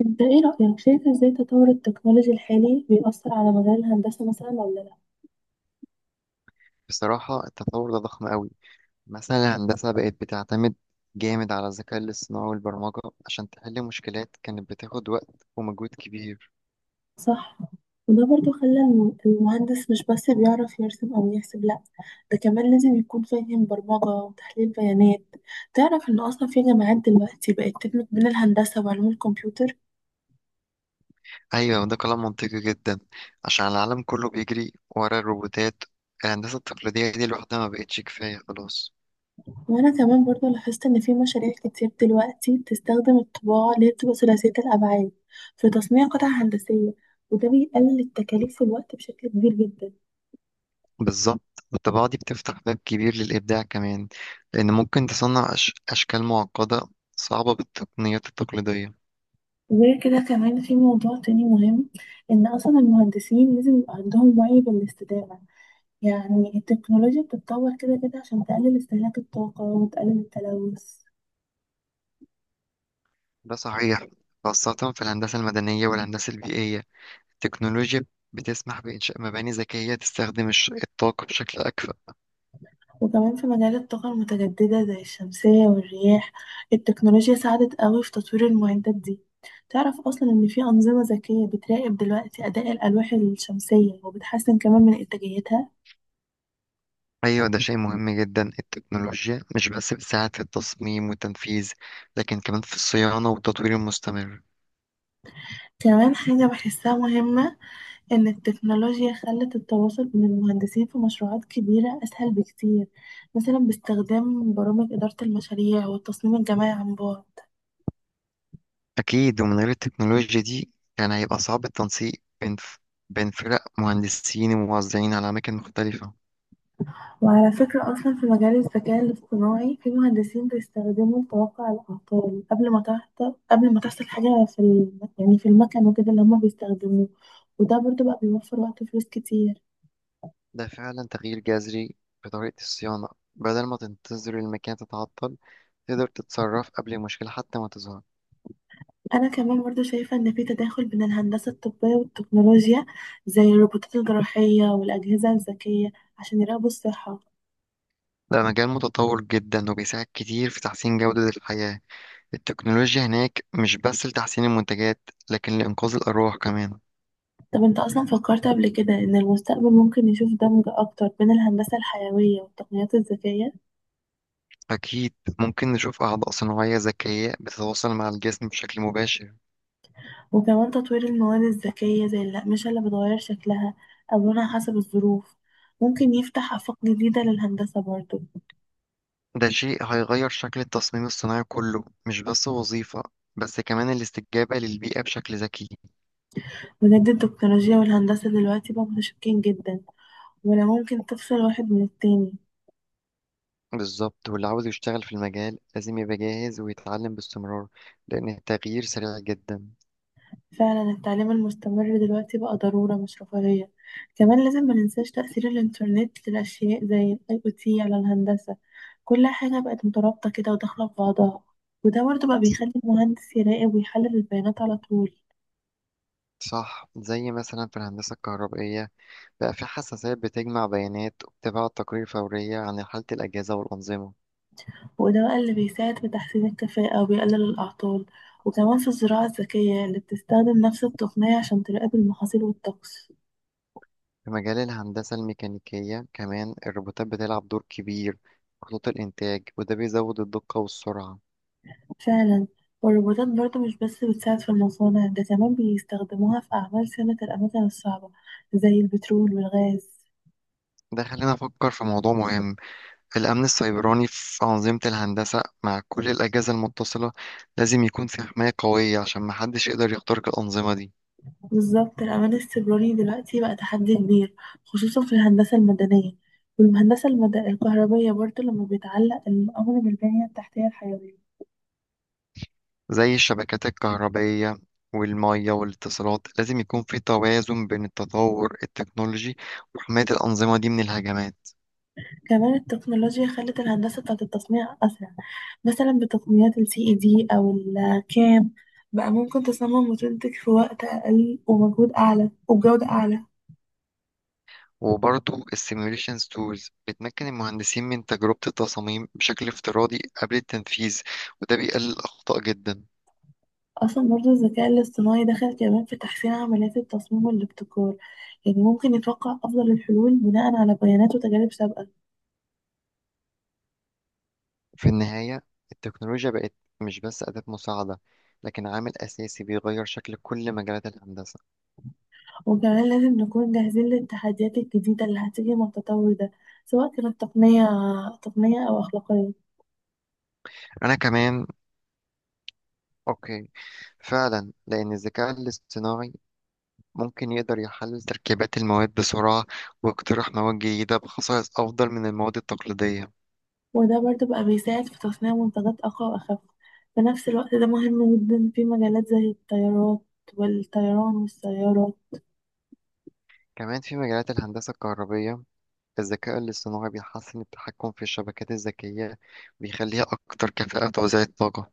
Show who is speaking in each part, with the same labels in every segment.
Speaker 1: انت ايه رأيك شايف ازاي تطور التكنولوجيا الحالي بيأثر على مجال الهندسة مثلا ولا لا؟
Speaker 2: بصراحة التطور ده ضخم قوي. مثلا الهندسة بقت بتعتمد جامد على الذكاء الاصطناعي والبرمجة عشان تحل مشكلات كانت بتاخد وقت ومجهود كبير.
Speaker 1: صح، وده برضو خلى المهندس مش بس بيعرف يرسم او يحسب لا، ده كمان لازم يكون فاهم برمجة وتحليل بيانات. تعرف ان اصلا في جامعات دلوقتي بقت تدمج بين الهندسة وعلوم الكمبيوتر.
Speaker 2: أيوة، وده كلام منطقي جدا عشان العالم كله بيجري ورا الروبوتات. الهندسة التقليدية دي لوحدها ما بقتش كفاية خلاص.
Speaker 1: وانا كمان برضو لاحظت ان في مشاريع كتير دلوقتي بتستخدم الطباعة اللي هي بتبقى ثلاثية الابعاد في تصنيع قطع هندسية، وده بيقلل التكاليف في الوقت بشكل كبير جدا.
Speaker 2: بالظبط، والطباعة دي بتفتح باب كبير للإبداع كمان، لأن ممكن تصنع أشكال معقدة صعبة بالتقنيات التقليدية.
Speaker 1: غير كده كمان في موضوع تاني مهم، إن أصلا المهندسين لازم يبقى عندهم وعي بالاستدامة. يعني التكنولوجيا بتتطور كده كده عشان تقلل استهلاك الطاقة وتقلل التلوث.
Speaker 2: ده صحيح، خاصة في الهندسة المدنية والهندسة البيئية. التكنولوجيا بتسمح بإنشاء مباني ذكية تستخدم الطاقة بشكل أكفأ.
Speaker 1: وكمان في مجال الطاقة المتجددة زي الشمسية والرياح، التكنولوجيا ساعدت قوي في تطوير المعدات دي. تعرف أصلا إن في أنظمة ذكية بتراقب دلوقتي أداء الألواح الشمسية وبتحسن كمان من إنتاجيتها.
Speaker 2: أيوة، ده شيء مهم جدا. التكنولوجيا مش بس بتساعد في التصميم والتنفيذ، لكن كمان في الصيانة والتطوير المستمر.
Speaker 1: كمان حاجة بحسها مهمة، إن التكنولوجيا خلت التواصل بين المهندسين في مشروعات كبيرة أسهل بكتير، مثلا باستخدام برامج إدارة المشاريع والتصميم الجماعي عن بعد.
Speaker 2: أكيد، ومن غير التكنولوجيا دي كان هيبقى صعب التنسيق بين بين فرق مهندسين وموزعين على أماكن مختلفة.
Speaker 1: وعلى فكرة أصلا في مجال الذكاء الاصطناعي في مهندسين بيستخدموا توقع الأعطال قبل ما تحصل حاجة في يعني في المكن وكده اللي هما بيستخدموه، وده برضو بقى بيوفر وقت وفلوس كتير.
Speaker 2: ده فعلا تغيير جذري في طريقة الصيانة. بدل ما تنتظر المكان تتعطل، تقدر تتصرف قبل المشكلة حتى ما تظهر.
Speaker 1: أنا كمان برضو شايفة إن في تداخل بين الهندسة الطبية والتكنولوجيا، زي الروبوتات الجراحية والأجهزة الذكية عشان يراقبوا الصحة.
Speaker 2: ده مجال متطور جدا وبيساعد كتير في تحسين جودة الحياة. التكنولوجيا هناك مش بس لتحسين المنتجات، لكن لإنقاذ الأرواح كمان.
Speaker 1: طب أنت أصلا فكرت قبل كده إن المستقبل ممكن يشوف دمج أكتر بين الهندسة الحيوية والتقنيات الذكية؟
Speaker 2: أكيد، ممكن نشوف أعضاء صناعية ذكية بتتواصل مع الجسم بشكل مباشر.
Speaker 1: وكمان تطوير المواد الذكية زي الأقمشة اللي بتغير شكلها أو لونها حسب الظروف، ممكن يفتح آفاق جديدة للهندسة برضو.
Speaker 2: ده شيء هيغير شكل التصميم الصناعي كله، مش بس وظيفة بس كمان الاستجابة للبيئة بشكل ذكي.
Speaker 1: بجد التكنولوجيا والهندسة دلوقتي بقوا متشابكين جدا، ولا ممكن تفصل واحد من التاني.
Speaker 2: بالظبط، واللي عاوز يشتغل في المجال لازم يبقى جاهز ويتعلم باستمرار، لأن التغيير سريع جدا.
Speaker 1: فعلا التعليم المستمر دلوقتي بقى ضرورة مش رفاهية. كمان لازم ما ننساش تأثير الإنترنت للأشياء زي ال IoT على الهندسة. كل حاجة بقت مترابطة كده وداخلة في بعضها، وده برضه بقى بيخلي المهندس يراقب ويحلل البيانات على طول.
Speaker 2: صح، زي مثلا في الهندسة الكهربائية بقى في حساسات بتجمع بيانات وبتبعت تقارير فورية عن حالة الأجهزة والأنظمة.
Speaker 1: وده بقى اللي بيساعد في تحسين الكفاءة وبيقلل الأعطال، وكمان في الزراعة الذكية اللي بتستخدم نفس التقنية عشان تراقب المحاصيل والطقس.
Speaker 2: في مجال الهندسة الميكانيكية كمان الروبوتات بتلعب دور كبير في خطوط الإنتاج، وده بيزود الدقة والسرعة.
Speaker 1: فعلا. والروبوتات برضو مش بس بتساعد في المصانع، ده كمان بيستخدموها في أعمال صيانة الأماكن الصعبة زي البترول والغاز.
Speaker 2: ده خلينا نفكر في موضوع مهم: الأمن السيبراني في أنظمة الهندسة. مع كل الأجهزة المتصلة لازم يكون في حماية قوية عشان محدش يقدر يخترق الأنظمة دي.
Speaker 1: بالظبط الأمان السيبراني دلوقتي بقى تحدي كبير، خصوصا في الهندسة المدنية الكهربية برضو لما بيتعلق الأمر بالبنية التحتية الحيوية.
Speaker 2: زي الشبكات الكهربائية والمية والاتصالات، لازم يكون في توازن بين التطور التكنولوجي وحماية الأنظمة دي من الهجمات.
Speaker 1: كمان التكنولوجيا خلت الهندسة بتاعت التصنيع أسرع، مثلا بتقنيات ال CAD أو ال CAM بقى ممكن تصمم وتنتج في وقت أقل ومجهود أعلى وبجودة أعلى.
Speaker 2: وبرضه السيميوليشن تولز بتمكن المهندسين من تجربة التصاميم بشكل افتراضي قبل التنفيذ، وده بيقلل الأخطاء جدا.
Speaker 1: أصلا برضو الذكاء الاصطناعي دخل كمان في تحسين عمليات التصميم والابتكار، يعني ممكن يتوقع أفضل الحلول بناء على بيانات وتجارب سابقة.
Speaker 2: في النهاية، التكنولوجيا بقت مش بس أداة مساعدة، لكن عامل أساسي بيغير شكل كل مجالات الهندسة.
Speaker 1: وكمان لازم نكون جاهزين للتحديات الجديدة اللي هتيجي مع التطور ده، سواء كانت تقنية أو أخلاقية.
Speaker 2: أنا كمان أوكي، فعلا، لأن الذكاء الاصطناعي ممكن يقدر يحلل تركيبات المواد بسرعة ويقترح مواد جديدة بخصائص أفضل من المواد التقليدية.
Speaker 1: وده برضو بقى بيساعد في تصنيع منتجات أقوى وأخف في نفس الوقت، ده مهم جدا في مجالات زي الطيارات والطيران والسيارة.
Speaker 2: كمان في مجالات الهندسة الكهربية، الذكاء الاصطناعي بيحسن التحكم في الشبكات الذكية، بيخليها أكتر كفاءة في توزيع الطاقة.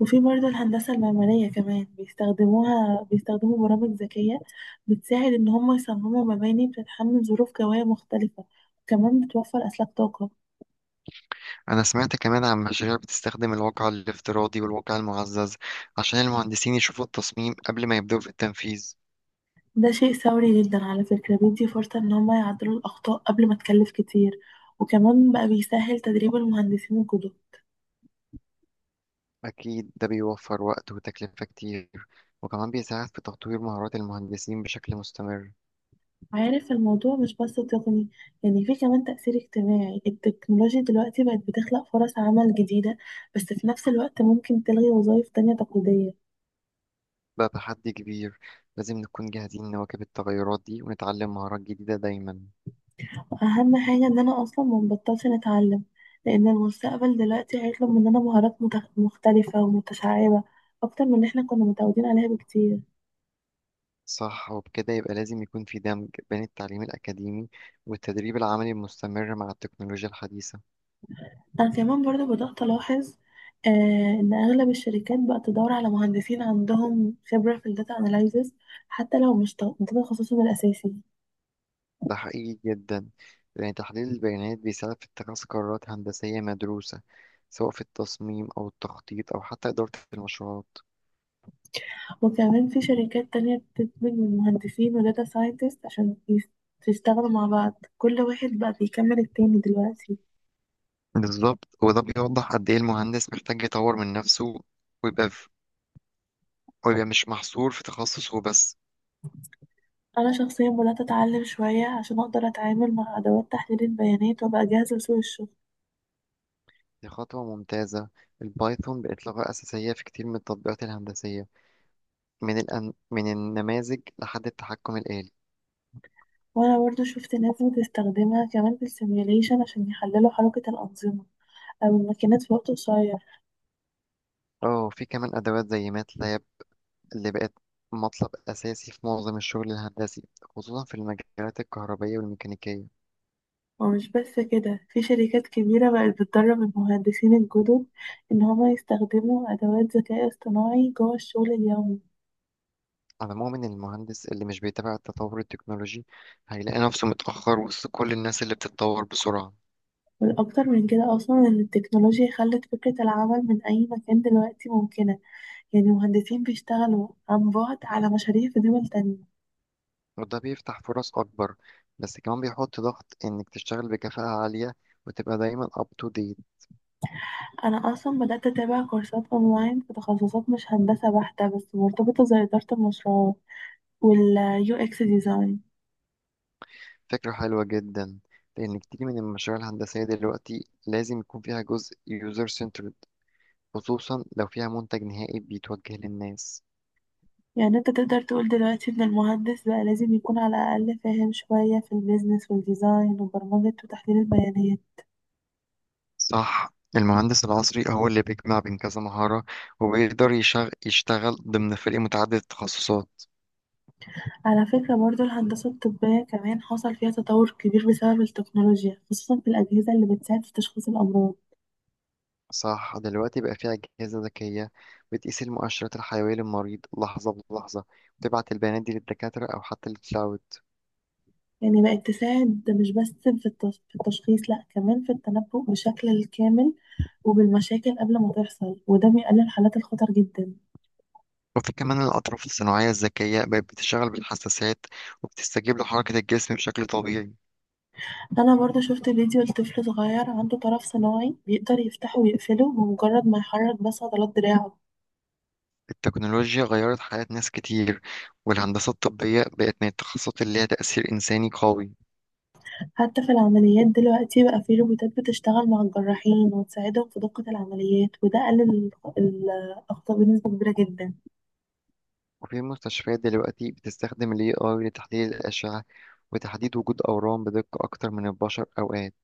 Speaker 1: وفي برضه الهندسة المعمارية كمان بيستخدموا برامج ذكية بتساعد إن هم يصمموا مباني بتتحمل ظروف جوية مختلفة، كمان بتوفر أسلاك طاقة.
Speaker 2: أنا سمعت كمان عن مشاريع بتستخدم الواقع الافتراضي والواقع المعزز عشان المهندسين يشوفوا التصميم قبل ما يبدأوا في التنفيذ.
Speaker 1: ده شيء ثوري جدا على فكرة، بيدي فرصة إن هم يعدلوا الأخطاء قبل ما تكلف كتير، وكمان بقى بيسهل تدريب المهندسين الجدد.
Speaker 2: أكيد، ده بيوفر وقت وتكلفة كتير، وكمان بيساعد في تطوير مهارات المهندسين بشكل مستمر.
Speaker 1: عارف الموضوع مش بس تقني، يعني في كمان تأثير اجتماعي. التكنولوجيا دلوقتي بقت بتخلق فرص عمل جديدة، بس في نفس الوقت ممكن تلغي وظائف تانية تقليدية.
Speaker 2: بقى تحدي كبير، لازم نكون جاهزين نواكب التغيرات دي ونتعلم مهارات جديدة دايما.
Speaker 1: اهم حاجه ان انا اصلا ما بطلش نتعلم، لان المستقبل دلوقتي هيطلب مننا مهارات مختلفه ومتشعبه اكتر من اللي احنا كنا متعودين عليها بكتير.
Speaker 2: صح، وبكده يبقى لازم يكون في دمج بين التعليم الأكاديمي والتدريب العملي المستمر مع التكنولوجيا الحديثة.
Speaker 1: انا كمان برضو بدات الاحظ، آه، ان اغلب الشركات بقت تدور على مهندسين عندهم خبره في الداتا اناليزز، حتى لو مش ده تخصصهم الاساسي.
Speaker 2: ده حقيقي جدا، لأن تحليل البيانات بيساعد في اتخاذ قرارات هندسية مدروسة، سواء في التصميم أو التخطيط أو حتى إدارة المشروعات.
Speaker 1: وكمان في شركات تانية بتدمج من مهندسين وداتا ساينتست عشان يشتغلوا مع بعض، كل واحد بقى بيكمل التاني دلوقتي.
Speaker 2: بالظبط، وده بيوضح قد إيه المهندس محتاج يطور من نفسه ويبقى في... ويبقى مش محصور في تخصصه بس.
Speaker 1: انا شخصيا بدات اتعلم شويه عشان اقدر اتعامل مع ادوات تحليل البيانات وابقى جاهزه لسوق الشغل.
Speaker 2: دي خطوة ممتازة. البايثون بقت لغة أساسية في كتير من التطبيقات الهندسية، من النماذج لحد التحكم الآلي.
Speaker 1: وانا برضو شفت ناس بتستخدمها كمان في السيميوليشن عشان يحللوا حركه الانظمه او الماكينات في وقت قصير.
Speaker 2: اه، في كمان أدوات زي ماتلاب اللي بقت مطلب أساسي في معظم الشغل الهندسي، خصوصا في المجالات الكهربائية والميكانيكية.
Speaker 1: ومش بس كده في شركات كبيره بقت بتدرب المهندسين الجدد ان هما يستخدموا ادوات ذكاء اصطناعي جوه الشغل اليومي.
Speaker 2: على العموم، إن المهندس اللي مش بيتابع التطور التكنولوجي هيلاقي نفسه متأخر وسط كل الناس اللي بتتطور بسرعة.
Speaker 1: والأكتر من كده أصلا إن التكنولوجيا خلت فكرة العمل من أي مكان دلوقتي ممكنة، يعني مهندسين بيشتغلوا عن بعد على مشاريع في دول تانية.
Speaker 2: وده بيفتح فرص أكبر، بس كمان بيحط ضغط إنك تشتغل بكفاءة عالية وتبقى دايما up to date.
Speaker 1: انا اصلا بدات اتابع كورسات اونلاين في تخصصات مش هندسه بحته بس مرتبطه زي اداره المشروعات واليو اكس ديزاين.
Speaker 2: فكرة حلوة جدا، لأن كتير من المشاريع الهندسية دلوقتي لازم يكون فيها جزء user centered، خصوصا لو فيها منتج نهائي بيتوجه للناس.
Speaker 1: يعني انت تقدر تقول دلوقتي ان المهندس بقى لازم يكون على الاقل فاهم شويه في البيزنس والديزاين وبرمجه وتحليل البيانات.
Speaker 2: صح، المهندس العصري هو اللي بيجمع بين كذا مهارة، وبيقدر يشتغل ضمن فريق متعدد التخصصات.
Speaker 1: على فكره برضو الهندسه الطبيه كمان حصل فيها تطور كبير بسبب التكنولوجيا، خصوصا في الاجهزه اللي بتساعد في تشخيص الامراض.
Speaker 2: صح، دلوقتي بقى فيها أجهزة ذكية بتقيس المؤشرات الحيوية للمريض لحظة بلحظة، وتبعت البيانات دي للدكاترة أو حتى للكلاود.
Speaker 1: يعني بقت تساعد مش بس في في التشخيص لا، كمان في التنبؤ بشكل الكامل وبالمشاكل قبل ما تحصل، وده بيقلل حالات الخطر جدا.
Speaker 2: وفي كمان الأطراف الصناعية الذكية بقت بتشتغل بالحساسات وبتستجيب لحركة الجسم بشكل طبيعي.
Speaker 1: انا برضو شفت فيديو لطفل صغير عنده طرف صناعي بيقدر يفتحه ويقفله بمجرد ما يحرك بس عضلات دراعه.
Speaker 2: التكنولوجيا غيرت حياة ناس كتير، والهندسة الطبية بقت من التخصصات اللي ليها تأثير إنساني قوي.
Speaker 1: حتى في العمليات دلوقتي بقى في روبوتات بتشتغل مع الجراحين وتساعدهم في دقة العمليات، وده قلل ال- الأخطاء بنسبة كبيرة جدا.
Speaker 2: وفي مستشفيات دلوقتي بتستخدم ال AI لتحليل الأشعة وتحديد وجود أورام بدقة أكتر من البشر أوقات.